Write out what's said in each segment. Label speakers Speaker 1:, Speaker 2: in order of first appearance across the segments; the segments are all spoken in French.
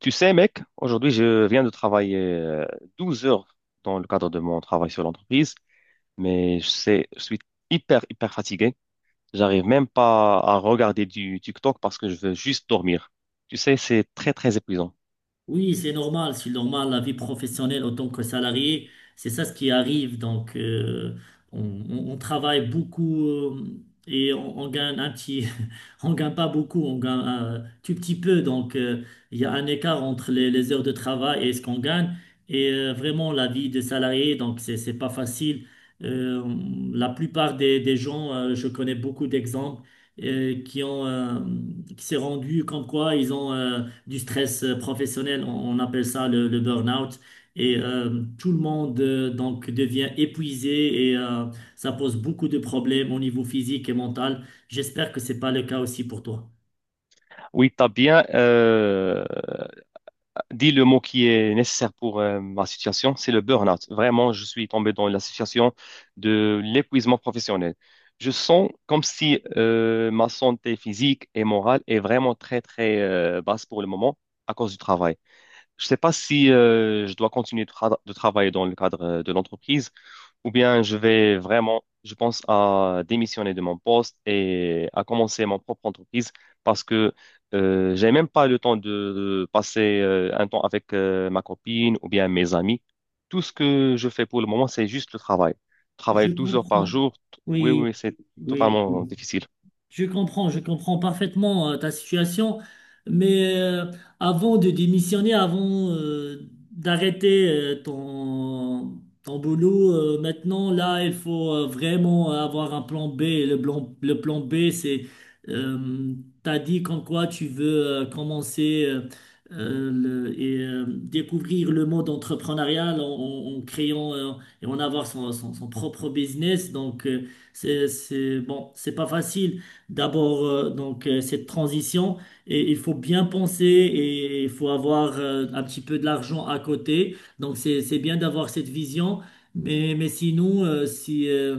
Speaker 1: Tu sais, mec, aujourd'hui, je viens de travailler 12 heures dans le cadre de mon travail sur l'entreprise, mais je sais, je suis hyper, hyper fatigué. J'arrive même pas à regarder du TikTok parce que je veux juste dormir. Tu sais, c'est très, très épuisant.
Speaker 2: Oui, c'est normal, la vie professionnelle autant que salarié, c'est ça ce qui arrive. Donc, on, on travaille beaucoup et on gagne un petit, on gagne pas beaucoup, on gagne un tout petit peu. Donc, il y a un écart entre les heures de travail et ce qu'on gagne. Et vraiment, la vie de salarié, donc, c'est pas facile. Euh, la plupart des gens, je connais beaucoup d'exemples qui ont, qui s'est rendu comme quoi ils ont, du stress professionnel, on appelle ça le burn-out. Et tout le monde donc devient épuisé et ça pose beaucoup de problèmes au niveau physique et mental. J'espère que c'est pas le cas aussi pour toi.
Speaker 1: Oui, t'as bien, dis le mot qui est nécessaire pour ma situation, c'est le burn-out. Vraiment, je suis tombé dans la situation de l'épuisement professionnel. Je sens comme si ma santé physique et morale est vraiment très, très basse pour le moment à cause du travail. Je ne sais pas si je dois continuer de travailler dans le cadre de l'entreprise ou bien je vais vraiment, je pense à démissionner de mon poste et à commencer mon propre entreprise parce que j'ai même pas le temps de passer un temps avec ma copine ou bien mes amis. Tout ce que je fais pour le moment, c'est juste le travail. Travailler
Speaker 2: Je
Speaker 1: 12 heures par
Speaker 2: comprends.
Speaker 1: jour, oui,
Speaker 2: Oui,
Speaker 1: oui, oui, c'est
Speaker 2: oui.
Speaker 1: totalement
Speaker 2: Oui.
Speaker 1: difficile.
Speaker 2: Je comprends parfaitement ta situation, mais avant de démissionner, avant d'arrêter ton boulot, maintenant, là, il faut vraiment avoir un plan B. Et le plan, le plan B, c'est, euh, t'as dit comme quoi tu veux commencer et découvrir le monde entrepreneurial en, en créant et en avoir son, son propre business. Donc, bon, c'est pas facile d'abord donc cette transition et il faut bien penser et il faut avoir un petit peu de l'argent à côté. Donc c'est bien d'avoir cette vision. Mais sinon,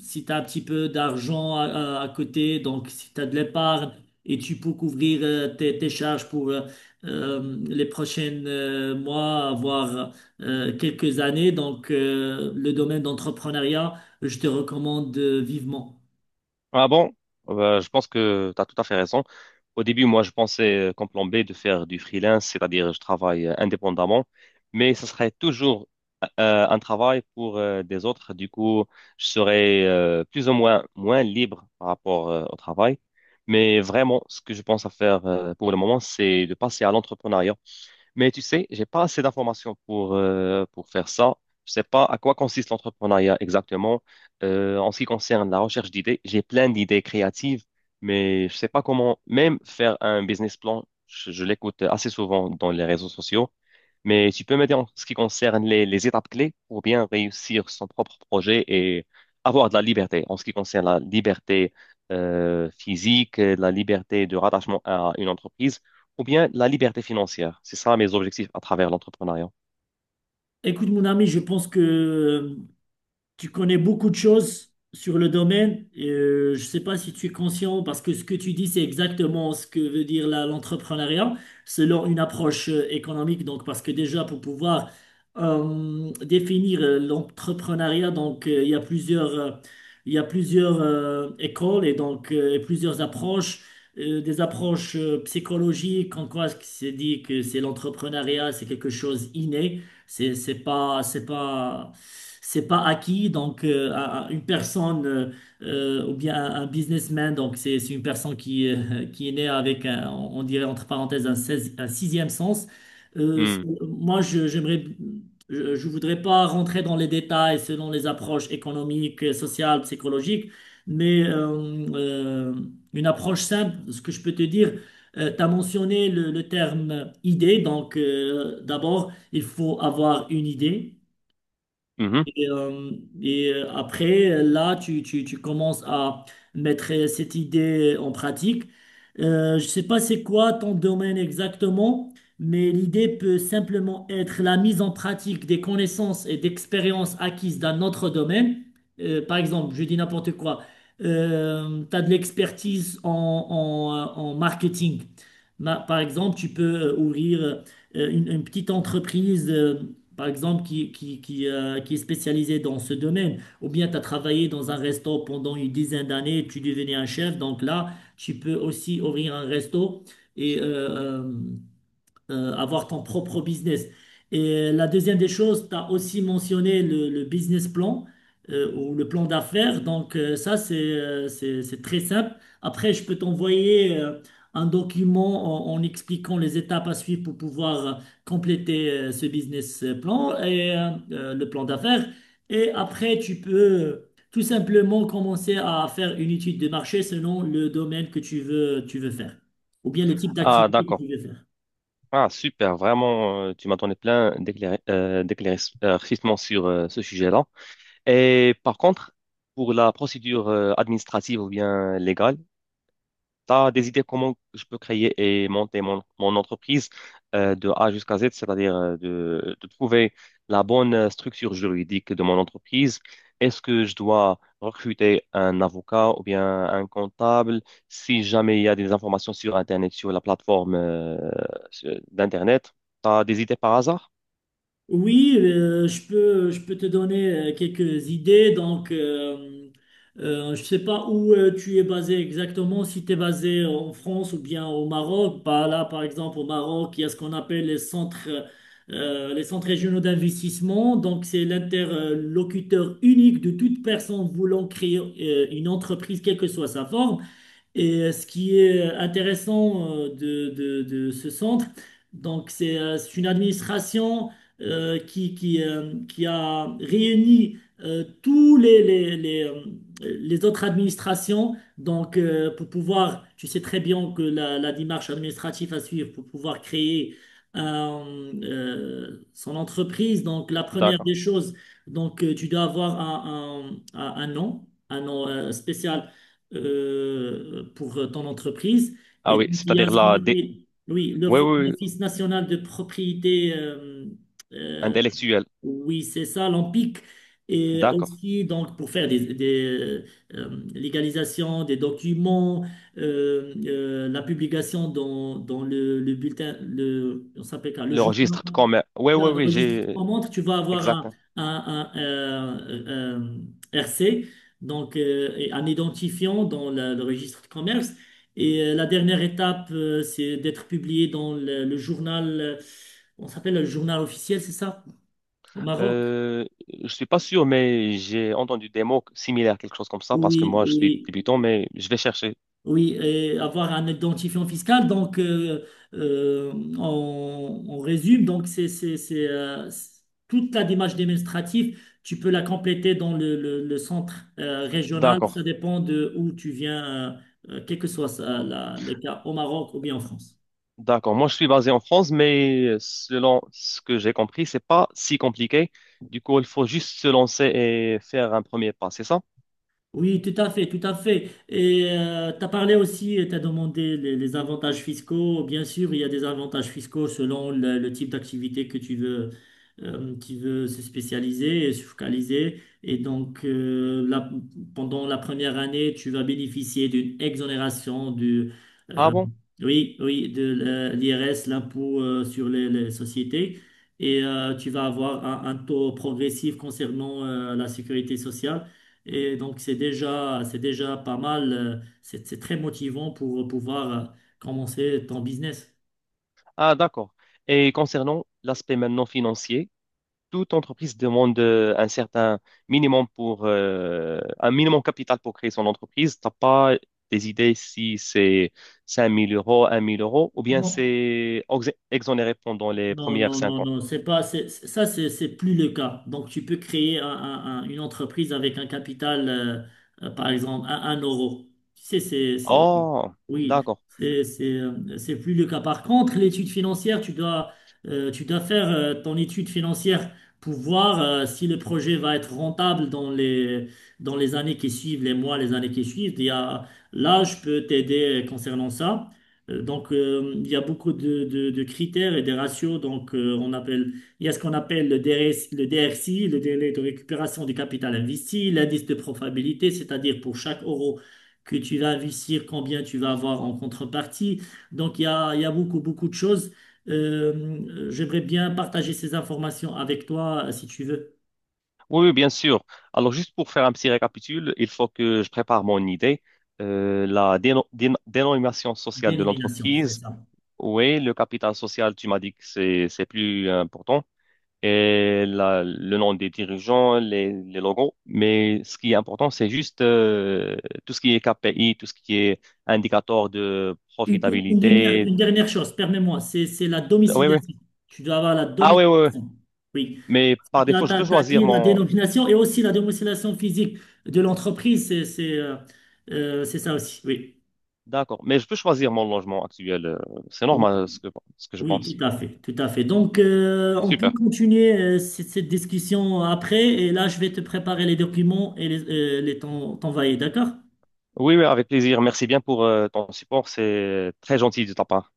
Speaker 2: si tu as un petit peu d'argent à côté, donc si tu as de l'épargne et tu peux couvrir tes charges pour les prochaines mois, voire quelques années, donc le domaine d'entrepreneuriat, je te recommande vivement.
Speaker 1: Ah bon. Je pense que tu as tout à fait raison. Au début, moi, je pensais comme plan B de faire du freelance, c'est-à-dire je travaille indépendamment, mais ça serait toujours un travail pour des autres. Du coup, je serai plus ou moins moins libre par rapport au travail. Mais vraiment, ce que je pense à faire pour le moment, c'est de passer à l'entrepreneuriat. Mais tu sais, j'ai pas assez d'informations pour faire ça. Je sais pas à quoi consiste l'entrepreneuriat exactement. En ce qui concerne la recherche d'idées, j'ai plein d'idées créatives, mais je sais pas comment même faire un business plan. Je l'écoute assez souvent dans les réseaux sociaux, mais tu peux m'aider en ce qui concerne les étapes clés pour bien réussir son propre projet et avoir de la liberté, en ce qui concerne la liberté physique, la liberté de rattachement à une entreprise ou bien la liberté financière. C'est ça mes objectifs à travers l'entrepreneuriat.
Speaker 2: Écoute, mon ami, je pense que tu connais beaucoup de choses sur le domaine. Et, je ne sais pas si tu es conscient, parce que ce que tu dis, c'est exactement ce que veut dire l'entrepreneuriat selon une approche économique. Donc, parce que déjà, pour pouvoir définir l'entrepreneuriat, donc il y a plusieurs écoles et donc plusieurs approches. Des approches psychologiques, en quoi c'est dit que c'est l'entrepreneuriat, c'est quelque chose inné. C'est c'est pas c'est pas c'est pas acquis donc à une personne ou bien un businessman donc c'est une personne qui est née avec un, on dirait entre parenthèses un sixième sens. Euh, c'est-
Speaker 1: Hmm.
Speaker 2: moi je j'aimerais je, je voudrais pas rentrer dans les détails selon les approches économiques, sociales, psychologiques, mais une approche simple, ce que je peux te dire. Tu as mentionné le terme idée, donc d'abord, il faut avoir une idée.
Speaker 1: Mhm.
Speaker 2: Et, euh, et, après, là, tu commences à mettre cette idée en pratique. Je ne sais pas c'est quoi ton domaine exactement, mais l'idée peut simplement être la mise en pratique des connaissances et d'expériences acquises dans notre domaine. Par exemple, je dis n'importe quoi, tu as de l'expertise en, en marketing. Par exemple, tu peux ouvrir une petite entreprise, par exemple, qui, qui est spécialisé dans ce domaine, ou bien tu as travaillé dans un resto pendant une dizaine d'années, tu devenais un chef, donc là, tu peux aussi ouvrir un resto et avoir ton propre business. Et la deuxième des choses, tu as aussi mentionné le business plan ou le plan d'affaires. Donc ça, c'est c'est très simple. Après, je peux t'envoyer un document en expliquant les étapes à suivre pour pouvoir compléter ce business plan et le plan d'affaires. Et après, tu peux tout simplement commencer à faire une étude de marché selon le domaine que tu veux faire ou bien le type
Speaker 1: Ah,
Speaker 2: d'activité que
Speaker 1: d'accord.
Speaker 2: tu veux faire.
Speaker 1: Ah, super. Vraiment, tu m'as donné plein d'éclaircissements sur ce sujet-là. Et par contre, pour la procédure administrative ou bien légale, t'as des idées comment je peux créer et monter mon entreprise de A jusqu'à Z, c'est-à-dire de trouver la bonne structure juridique de mon entreprise. Est-ce que je dois recruter un avocat ou bien un comptable? Si jamais il y a des informations sur Internet, sur la plateforme d'Internet, t'as des idées par hasard?
Speaker 2: Oui, je peux te donner quelques idées. Donc, je ne sais pas où tu es basé exactement, si tu es basé en France ou bien au Maroc. Bah, là, par exemple, au Maroc, il y a ce qu'on appelle les centres régionaux d'investissement. Donc, c'est l'interlocuteur unique de toute personne voulant créer une entreprise, quelle que soit sa forme. Et ce qui est intéressant de ce centre, donc c'est une administration qui a réuni tous les autres administrations donc, pour pouvoir, tu sais très bien que la démarche administrative à suivre pour pouvoir créer son entreprise, donc la première
Speaker 1: D'accord.
Speaker 2: des choses, donc tu dois avoir un nom spécial pour ton entreprise.
Speaker 1: Ah
Speaker 2: Et
Speaker 1: oui.
Speaker 2: donc, il y a ce qu'on appelle, oui,
Speaker 1: Oui, oui, oui,
Speaker 2: l'Office national de propriété, euh,
Speaker 1: intellectuel.
Speaker 2: oui, c'est ça, l'OMPIC. Et
Speaker 1: D'accord.
Speaker 2: aussi, donc, pour faire des légalisations, des documents, la publication dans le bulletin, le, on s'appelle quoi, le
Speaker 1: Le
Speaker 2: journal.
Speaker 1: registre de commerce. Oui,
Speaker 2: Dans
Speaker 1: oui,
Speaker 2: le
Speaker 1: oui,
Speaker 2: registre
Speaker 1: j'ai.
Speaker 2: en montre, tu vas avoir
Speaker 1: Exact.
Speaker 2: un- un, euh, un RC, donc et un identifiant dans le registre de commerce. Et la dernière étape, c'est d'être publié dans le journal, on s'appelle le journal officiel, c'est ça, au Maroc?
Speaker 1: Euh, je suis pas sûr, mais j'ai entendu des mots similaires, quelque chose comme ça, parce que
Speaker 2: Oui,
Speaker 1: moi, je suis
Speaker 2: oui.
Speaker 1: débutant, mais je vais chercher.
Speaker 2: Oui, et avoir un identifiant fiscal. Donc, euh, on résume. Donc, toute la démarche administrative. Tu peux la compléter dans le centre régional.
Speaker 1: D'accord,
Speaker 2: Ça dépend de où tu viens, quel que soit ça, le cas, au Maroc ou bien en France.
Speaker 1: d'accord. Moi, je suis basé en France, mais selon ce que j'ai compris, c'est pas si compliqué. Du coup, il faut juste se lancer et faire un premier pas, c'est ça?
Speaker 2: Oui, tout à fait, tout à fait. Et tu as parlé aussi, tu as demandé les avantages fiscaux. Bien sûr, il y a des avantages fiscaux selon le type d'activité que tu veux se spécialiser et se focaliser. Et donc, pendant la première année, tu vas bénéficier d'une exonération du,
Speaker 1: Ah
Speaker 2: euh,
Speaker 1: bon?
Speaker 2: oui, oui, de l'IRS, l'impôt sur les sociétés. Et tu vas avoir un taux progressif concernant la sécurité sociale. Et donc, c'est déjà pas mal. C'est très motivant pour pouvoir commencer ton business.
Speaker 1: Ah, d'accord. Et concernant l'aspect maintenant financier, toute entreprise demande un certain minimum pour un minimum capital pour créer son entreprise. T'as pas des idées si c'est cinq mille euros, un mille euros, ou bien
Speaker 2: Non.
Speaker 1: c'est exonéré pendant les
Speaker 2: Non,
Speaker 1: premières
Speaker 2: non,
Speaker 1: cinq
Speaker 2: non,
Speaker 1: ans.
Speaker 2: non, c'est pas, c'est- ça, c'est plus le cas. Donc, tu peux créer une entreprise avec un capital, par exemple, un euro. Tu sais,
Speaker 1: Oh,
Speaker 2: oui,
Speaker 1: d'accord.
Speaker 2: c'est plus le cas. Par contre, l'étude financière, tu dois faire, ton étude financière pour voir, si le projet va être rentable dans les années qui suivent, les mois, les années qui suivent. Là, je peux t'aider concernant ça. Donc, il y a beaucoup de critères et des ratios. Donc, il y a ce qu'on appelle le DRCI, le délai de récupération du capital investi, l'indice de profitabilité, c'est-à-dire pour chaque euro que tu vas investir, combien tu vas avoir en contrepartie. Donc, il y a beaucoup, beaucoup de choses. J'aimerais bien partager ces informations avec toi, si tu veux.
Speaker 1: Oui, oui, bien sûr. Alors, juste pour faire un petit récapitule, il faut que je prépare mon idée. La dénomination sociale de
Speaker 2: Dénomination, c'est
Speaker 1: l'entreprise.
Speaker 2: ça.
Speaker 1: Oui, le capital social, tu m'as dit que c'est plus important. Et le nom des dirigeants, les logos. Mais ce qui est important, c'est juste tout ce qui est KPI, tout ce qui est indicateur de
Speaker 2: Une, une- une dernière,
Speaker 1: profitabilité.
Speaker 2: une dernière chose, permets-moi, c'est la
Speaker 1: Oui, oui.
Speaker 2: domiciliation. Tu dois avoir la
Speaker 1: Ah oui, oui, oui.
Speaker 2: domiciliation. Oui.
Speaker 1: Mais par
Speaker 2: Tu as,
Speaker 1: défaut, je peux
Speaker 2: t'as-
Speaker 1: choisir
Speaker 2: dit la
Speaker 1: mon.
Speaker 2: dénomination et aussi la démonstration physique de l'entreprise, c'est c'est ça aussi, oui.
Speaker 1: D'accord. Mais je peux choisir mon logement actuel. C'est
Speaker 2: Oui,
Speaker 1: normal ce que, je
Speaker 2: oui,
Speaker 1: pense.
Speaker 2: tout à fait, tout à fait. Donc, on peut
Speaker 1: Super.
Speaker 2: continuer cette discussion après et là, je vais te préparer les documents et les t'envoyer, d'accord?
Speaker 1: Oui, oui, avec plaisir. Merci bien pour ton support. C'est très gentil de ta part.